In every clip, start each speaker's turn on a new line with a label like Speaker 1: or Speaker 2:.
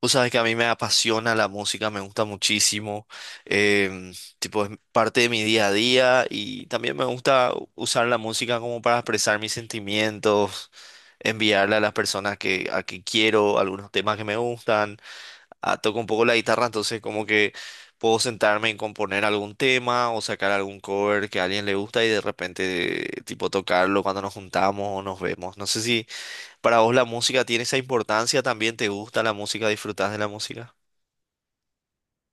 Speaker 1: Tú sabes que a mí me apasiona la música, me gusta muchísimo, em, tipo es parte de mi día a día y también me gusta usar la música como para expresar mis sentimientos, enviarle a las personas a que quiero algunos temas que me gustan. Ah, toco un poco la guitarra, entonces como que puedo sentarme en componer algún tema o sacar algún cover que a alguien le gusta y de repente tipo tocarlo cuando nos juntamos o nos vemos. No sé si para vos la música tiene esa importancia, también te gusta la música, disfrutás de la música.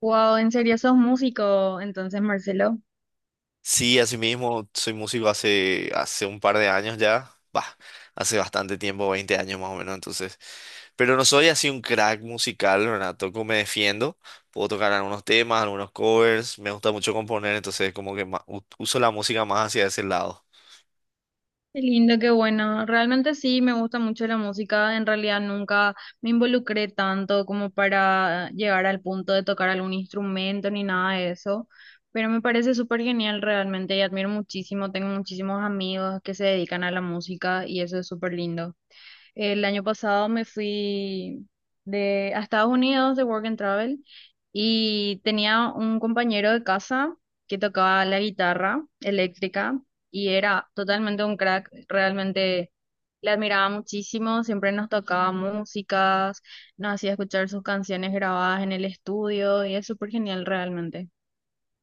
Speaker 2: Wow, en serio sos músico, entonces Marcelo.
Speaker 1: Sí, así mismo, soy músico hace un par de años ya, bah, hace bastante tiempo, 20 años más o menos, entonces, pero no soy así un crack musical, ¿verdad? Toco, me defiendo, puedo tocar algunos temas, algunos covers, me gusta mucho componer, entonces como que uso la música más hacia ese lado.
Speaker 2: Qué lindo, qué bueno. Realmente sí, me gusta mucho la música. En realidad nunca me involucré tanto como para llegar al punto de tocar algún instrumento ni nada de eso. Pero me parece súper genial realmente y admiro muchísimo. Tengo muchísimos amigos que se dedican a la música y eso es súper lindo. El año pasado me fui a Estados Unidos de Work and Travel y tenía un compañero de casa que tocaba la guitarra eléctrica y era totalmente un crack, realmente le admiraba muchísimo, siempre nos tocaba músicas, nos hacía escuchar sus canciones grabadas en el estudio y es súper genial realmente.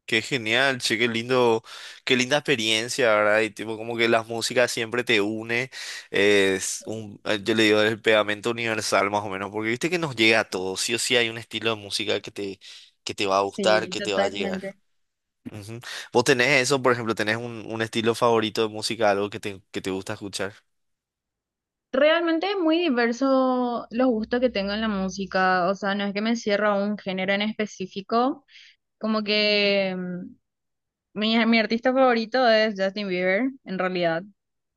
Speaker 1: Qué genial, che, qué lindo, qué linda experiencia, ¿verdad? Y tipo, como que la música siempre te une, es un, yo le digo, el pegamento universal más o menos, porque viste que nos llega a todos, sí o sí hay un estilo de música que te va a gustar,
Speaker 2: Sí,
Speaker 1: que te va a llegar.
Speaker 2: totalmente.
Speaker 1: Ujú. ¿Vos tenés eso, por ejemplo, tenés un estilo favorito de música, algo que te gusta escuchar?
Speaker 2: Realmente es muy diverso los gustos que tengo en la música, o sea, no es que me cierro a un género en específico, como que mi artista favorito es Justin Bieber, en realidad,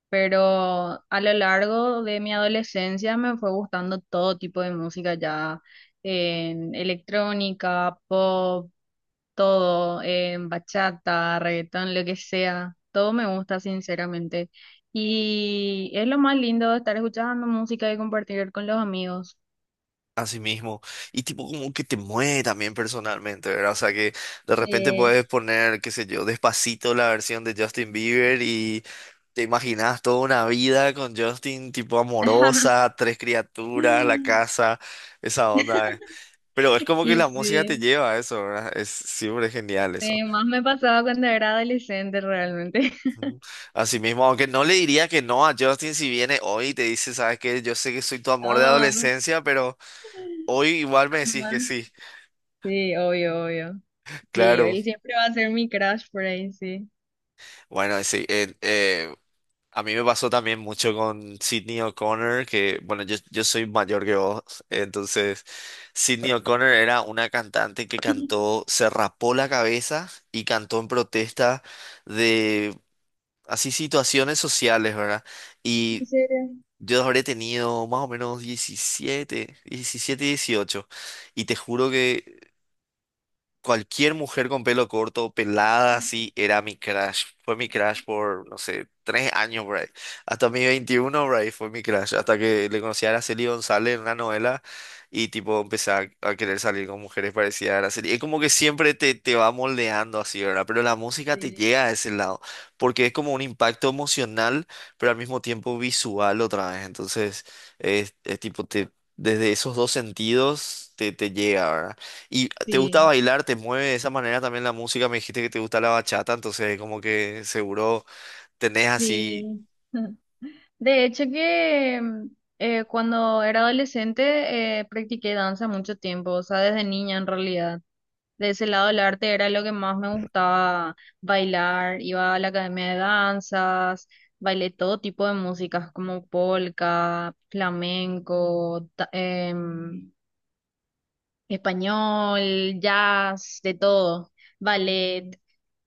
Speaker 2: pero a lo largo de mi adolescencia me fue gustando todo tipo de música ya, en electrónica, pop, todo, bachata, reggaetón, lo que sea, todo me gusta sinceramente. Y es lo más lindo de estar escuchando música y compartir con los amigos.
Speaker 1: Así mismo. Y tipo como que te mueve también personalmente, ¿verdad? O sea que de repente
Speaker 2: Sí.
Speaker 1: puedes poner, qué sé yo, Despacito, la versión de Justin Bieber, y te imaginas toda una vida con Justin tipo amorosa, tres criaturas, la casa, esa onda. Pero es como
Speaker 2: Y
Speaker 1: que la
Speaker 2: sí,
Speaker 1: música te lleva a eso, ¿verdad? Es siempre genial eso.
Speaker 2: sí, más me pasaba cuando era adolescente realmente.
Speaker 1: Ujú. Así mismo, aunque no le diría que no a Justin si viene hoy y te dice, ¿sabes qué? Yo sé que soy tu amor de
Speaker 2: Oh,
Speaker 1: adolescencia, pero hoy igual me decís que
Speaker 2: más.
Speaker 1: sí.
Speaker 2: Sí, obvio, obvio. Sí,
Speaker 1: Claro.
Speaker 2: él siempre va a ser mi crush por ahí, sí.
Speaker 1: Bueno, sí, a mí me pasó también mucho con Sydney O'Connor, que bueno, yo soy mayor que vos, entonces Sydney O'Connor era una cantante que cantó, se rapó la cabeza y cantó en protesta de así situaciones sociales, ¿verdad?
Speaker 2: ¿En
Speaker 1: Y
Speaker 2: serio?
Speaker 1: yo habré tenido más o menos diecisiete 18 y te juro que cualquier mujer con pelo corto, pelada, así, era mi crush. Fue mi crush por, no sé, 3 años, por ahí. Hasta mi 21 por ahí, fue mi crush. Hasta que le conocí a Araceli González en una novela y, tipo, empecé a querer salir con mujeres parecidas a Araceli. Es como que siempre te va moldeando así, ¿verdad? Pero la música te
Speaker 2: Sí.
Speaker 1: llega a ese lado, porque es como un impacto emocional, pero al mismo tiempo visual otra vez. Entonces, es tipo, te, desde esos dos sentidos te llega, ¿verdad? ¿Y te gusta
Speaker 2: Sí.
Speaker 1: bailar? ¿Te mueve de esa manera también la música? Me dijiste que te gusta la bachata, entonces como que seguro tenés así,
Speaker 2: Sí. De hecho que cuando era adolescente practiqué danza mucho tiempo, o sea, desde niña en realidad. De ese lado el arte era lo que más me gustaba bailar. Iba a la academia de danzas, bailé todo tipo de músicas como polka, flamenco, español, jazz, de todo. Ballet.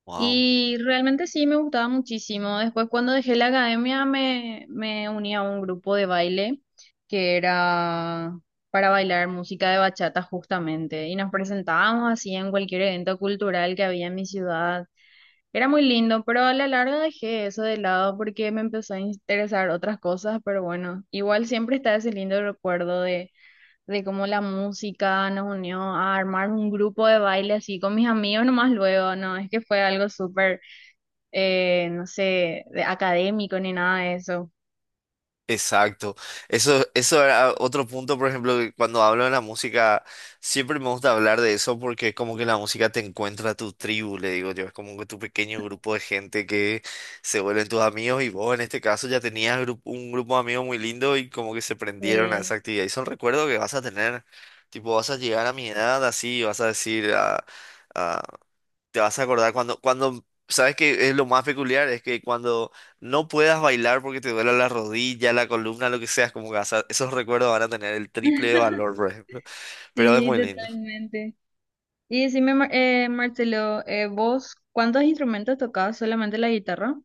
Speaker 1: wow.
Speaker 2: Y realmente sí me gustaba muchísimo. Después cuando dejé la academia me uní a un grupo de baile que era para bailar música de bachata justamente. Y nos presentábamos así en cualquier evento cultural que había en mi ciudad. Era muy lindo, pero a la larga dejé eso de lado porque me empezó a interesar otras cosas. Pero bueno, igual siempre está ese lindo recuerdo de cómo la música nos unió a armar un grupo de baile así con mis amigos nomás luego, ¿no? Es que fue algo súper no sé, de académico ni nada de eso.
Speaker 1: Exacto. Eso era otro punto, por ejemplo, que cuando hablo de la música, siempre me gusta hablar de eso porque es como que la música te encuentra a tu tribu, le digo yo, es como que tu pequeño grupo de gente que se vuelven tus amigos, y vos en este caso ya tenías un grupo de amigos muy lindo y como que se prendieron a
Speaker 2: Sí.
Speaker 1: esa actividad. Y son recuerdos que vas a tener, tipo, vas a llegar a mi edad así, y vas a decir, ah, ah, te vas a acordar cuando, cuando, ¿sabes que es lo más peculiar? Es que cuando no puedas bailar porque te duela la rodilla, la columna, lo que sea, es como que vas esos recuerdos van a tener el triple de valor, por ejemplo. Pero es
Speaker 2: Sí,
Speaker 1: muy lindo.
Speaker 2: totalmente. Y decime, Marcelo, ¿vos cuántos instrumentos tocabas? ¿Solamente la guitarra?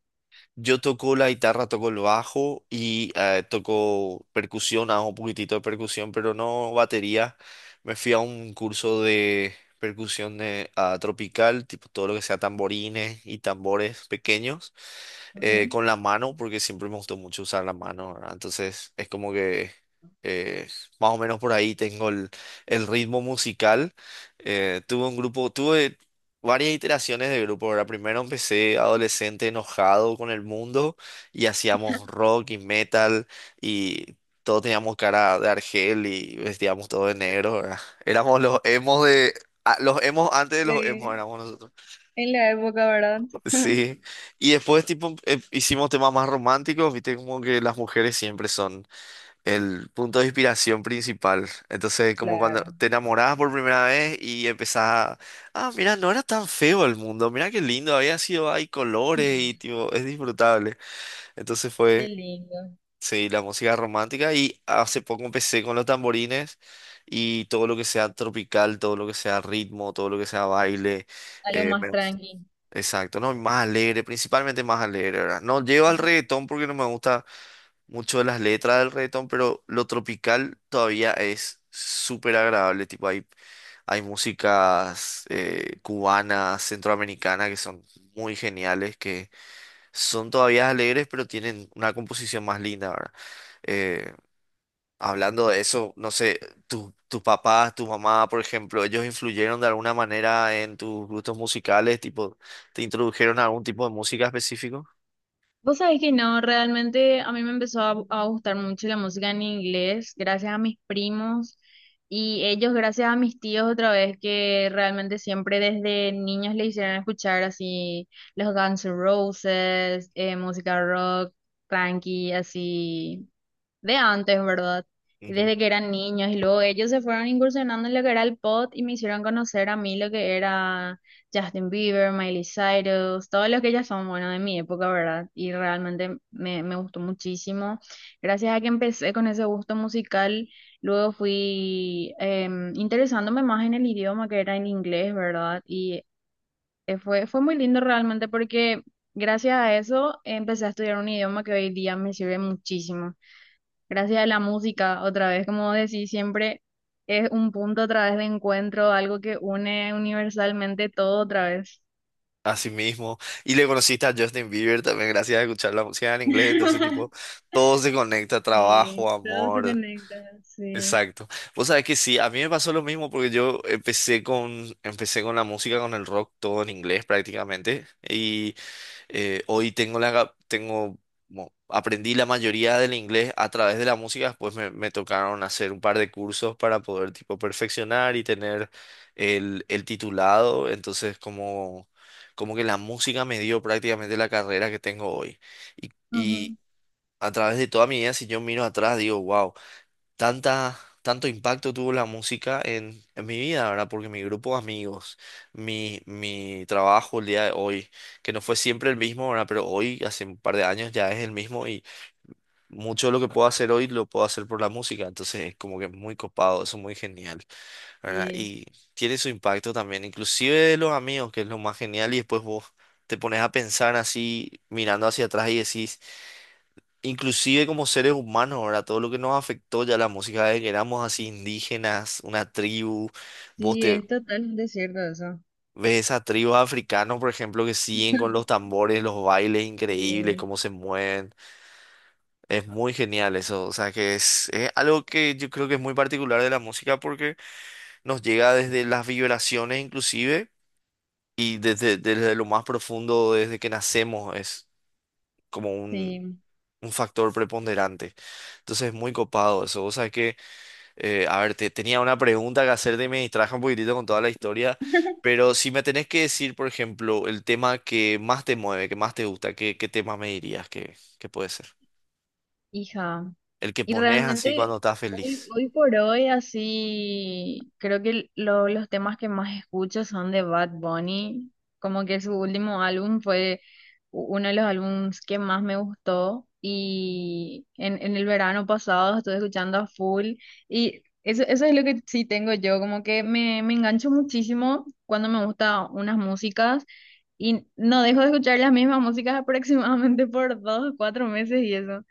Speaker 1: Yo toco la guitarra, toco el bajo y toco percusión, hago un poquitito de percusión, pero no batería. Me fui a un curso de percusión tropical, tipo todo lo que sea tamborines y tambores pequeños,
Speaker 2: Ujú.
Speaker 1: con la mano, porque siempre me gustó mucho usar la mano, ¿verdad? Entonces es como que eh, más o menos por ahí tengo el ritmo musical. Tuve un grupo, tuve varias iteraciones de grupo, ¿verdad? Primero empecé adolescente enojado con el mundo y hacíamos rock y metal y todos teníamos cara de argel y vestíamos todo de negro, ¿verdad? Éramos los emos de... Ah, los emos antes de los emos
Speaker 2: Eh,
Speaker 1: éramos nosotros.
Speaker 2: en la época, ¿verdad?
Speaker 1: Sí. Y después tipo hicimos temas más románticos, viste como que las mujeres siempre son el punto de inspiración principal. Entonces, como cuando
Speaker 2: Claro.
Speaker 1: te enamorabas por primera vez y empezás a, mira, no era tan feo el mundo, mira qué lindo, había sido, hay colores y tipo, es disfrutable. Entonces
Speaker 2: Qué
Speaker 1: fue,
Speaker 2: lindo.
Speaker 1: sí, la música romántica, y hace poco empecé con los tamborines y todo lo que sea tropical, todo lo que sea ritmo, todo lo que sea baile,
Speaker 2: Algo más
Speaker 1: me gusta.
Speaker 2: tranqui.
Speaker 1: Exacto, no, más alegre, principalmente más alegre, ¿verdad? No llego al reggaetón porque no me gusta mucho de las letras del reggaetón, pero lo tropical todavía es súper agradable. Tipo, hay músicas cubanas, centroamericanas que son muy geniales, que son todavía alegres, pero tienen una composición más linda, ¿verdad? Eh, Hablando de eso, no sé, tus papás, tu mamá, por ejemplo, ellos influyeron de alguna manera en tus gustos musicales, tipo, ¿te introdujeron a algún tipo de música específico?
Speaker 2: Vos sabés que no, realmente a mí me empezó a gustar mucho la música en inglés, gracias a mis primos y ellos, gracias a mis tíos otra vez, que realmente siempre desde niños le hicieron escuchar así los Guns N' Roses, música rock, tranqui, así de antes, ¿verdad? Y desde que eran niños y luego ellos se fueron incursionando en lo que era el pop y me hicieron conocer a mí lo que era Justin Bieber, Miley Cyrus, todos los que ya son, bueno, de mi época, ¿verdad? Y realmente me gustó muchísimo. Gracias a que empecé con ese gusto musical, luego fui interesándome más en el idioma que era en inglés, ¿verdad? Y fue muy lindo realmente porque gracias a eso empecé a estudiar un idioma que hoy día me sirve muchísimo gracias a la música, otra vez, como decís, siempre es un punto otra vez de encuentro, algo que une universalmente todo otra vez.
Speaker 1: Así mismo. Y le conociste a Justin Bieber también gracias a escuchar la música en inglés. Entonces, tipo, todo se conecta,
Speaker 2: Sí,
Speaker 1: trabajo,
Speaker 2: todo se
Speaker 1: amor.
Speaker 2: conecta, sí.
Speaker 1: Exacto. Vos sabés que sí, a mí me pasó lo mismo porque yo empecé con la música, con el rock, todo en inglés prácticamente. Y hoy tengo la, tengo, aprendí la mayoría del inglés a través de la música, después me tocaron hacer un par de cursos para poder tipo perfeccionar y tener el titulado, entonces como que la música me dio prácticamente la carrera que tengo hoy. Y,
Speaker 2: Ujú.
Speaker 1: y a través de toda mi vida, si yo miro atrás, digo, wow, tanta, tanto impacto tuvo la música en mi vida, ¿verdad? Porque mi grupo de amigos, mi trabajo el día de hoy, que no fue siempre el mismo, ¿verdad? Pero hoy, hace un par de años, ya es el mismo, y mucho de lo que puedo hacer hoy lo puedo hacer por la música. Entonces es como que muy copado, eso es muy genial, ¿verdad?
Speaker 2: Sí,
Speaker 1: Y tiene su impacto también, inclusive de los amigos, que es lo más genial, y después vos te pones a pensar así, mirando hacia atrás y decís... Inclusive como seres humanos, ahora todo lo que nos afectó ya la música, de que éramos así indígenas, una tribu, vos
Speaker 2: sí,
Speaker 1: te
Speaker 2: es totalmente cierto eso.
Speaker 1: ves esas tribus africanos, por ejemplo, que siguen con los tambores, los bailes increíbles,
Speaker 2: Sí,
Speaker 1: cómo se mueven, es muy genial eso, o sea que es algo que yo creo que es muy particular de la música porque nos llega desde las vibraciones inclusive y desde lo más profundo, desde que nacemos, es como
Speaker 2: sí.
Speaker 1: un factor preponderante, entonces es muy copado eso, o sea que... a ver, tenía una pregunta que hacerte y me distraje un poquitito con toda la historia, pero si me tenés que decir, por ejemplo, el tema que más te mueve, que más te gusta, ¿qué tema me dirías que puede ser?
Speaker 2: Hija,
Speaker 1: El que
Speaker 2: y
Speaker 1: pones así
Speaker 2: realmente
Speaker 1: cuando estás
Speaker 2: hoy,
Speaker 1: feliz.
Speaker 2: hoy por hoy así, creo que los temas que más escucho son de Bad Bunny, como que su último álbum fue uno de los álbums que más me gustó y en el verano pasado estuve escuchando a full y eso es lo que sí tengo yo, como que me engancho muchísimo cuando me gustan unas músicas. Y no dejo de escuchar las mismas músicas aproximadamente por 2, 4 meses y eso.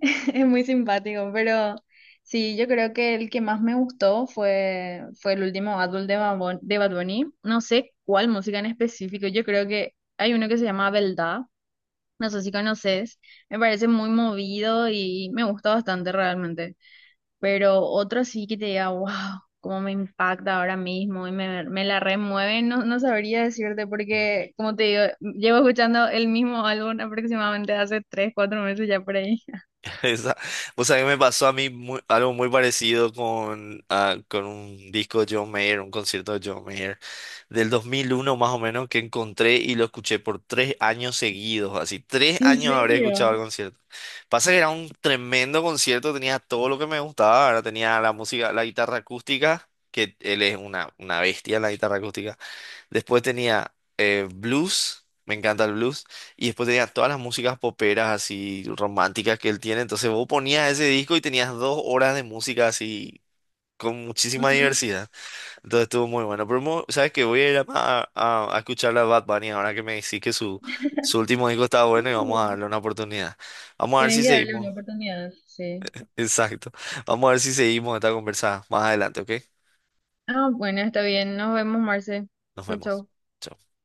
Speaker 2: Es muy simpático, pero sí, yo creo que el que más me gustó fue el último álbum de de Bad Bunny. No sé cuál música en específico, yo creo que hay uno que se llama Beldad, no sé si conoces, me parece muy movido y me gusta bastante realmente, pero otro sí que te diga, wow, cómo me impacta ahora mismo y me la remueve, no, no sabría decirte porque, como te digo, llevo escuchando el mismo álbum aproximadamente hace 3, 4 meses ya por ahí.
Speaker 1: Esa, vos sabés que me pasó a mí algo muy parecido con, con un disco de John Mayer, un concierto de John Mayer, del 2001 más o menos, que encontré y lo escuché por 3 años seguidos, así, tres
Speaker 2: ¿En
Speaker 1: años habré escuchado el
Speaker 2: serio?
Speaker 1: concierto. Pasa que era un tremendo concierto, tenía todo lo que me gustaba, ahora tenía la música, la guitarra acústica, que él es una bestia en la guitarra acústica. Después tenía blues, me encanta el blues, y después tenía todas las músicas poperas así románticas que él tiene. Entonces vos ponías ese disco y tenías 2 horas de música así con muchísima
Speaker 2: Ujú.
Speaker 1: diversidad. Entonces estuvo muy bueno. Pero sabes que voy a ir a, escuchar a Bad Bunny ahora que me decís que su último disco estaba
Speaker 2: Sí.
Speaker 1: bueno y vamos a darle una oportunidad. Vamos a ver
Speaker 2: Tenés
Speaker 1: si
Speaker 2: que darle una
Speaker 1: seguimos.
Speaker 2: oportunidad, sí.
Speaker 1: Exacto. Vamos a ver si seguimos esta conversa más adelante, ¿ok?
Speaker 2: Ah, bueno, está bien. Nos vemos, Marce.
Speaker 1: Nos
Speaker 2: Chau,
Speaker 1: vemos.
Speaker 2: chau.
Speaker 1: Chao.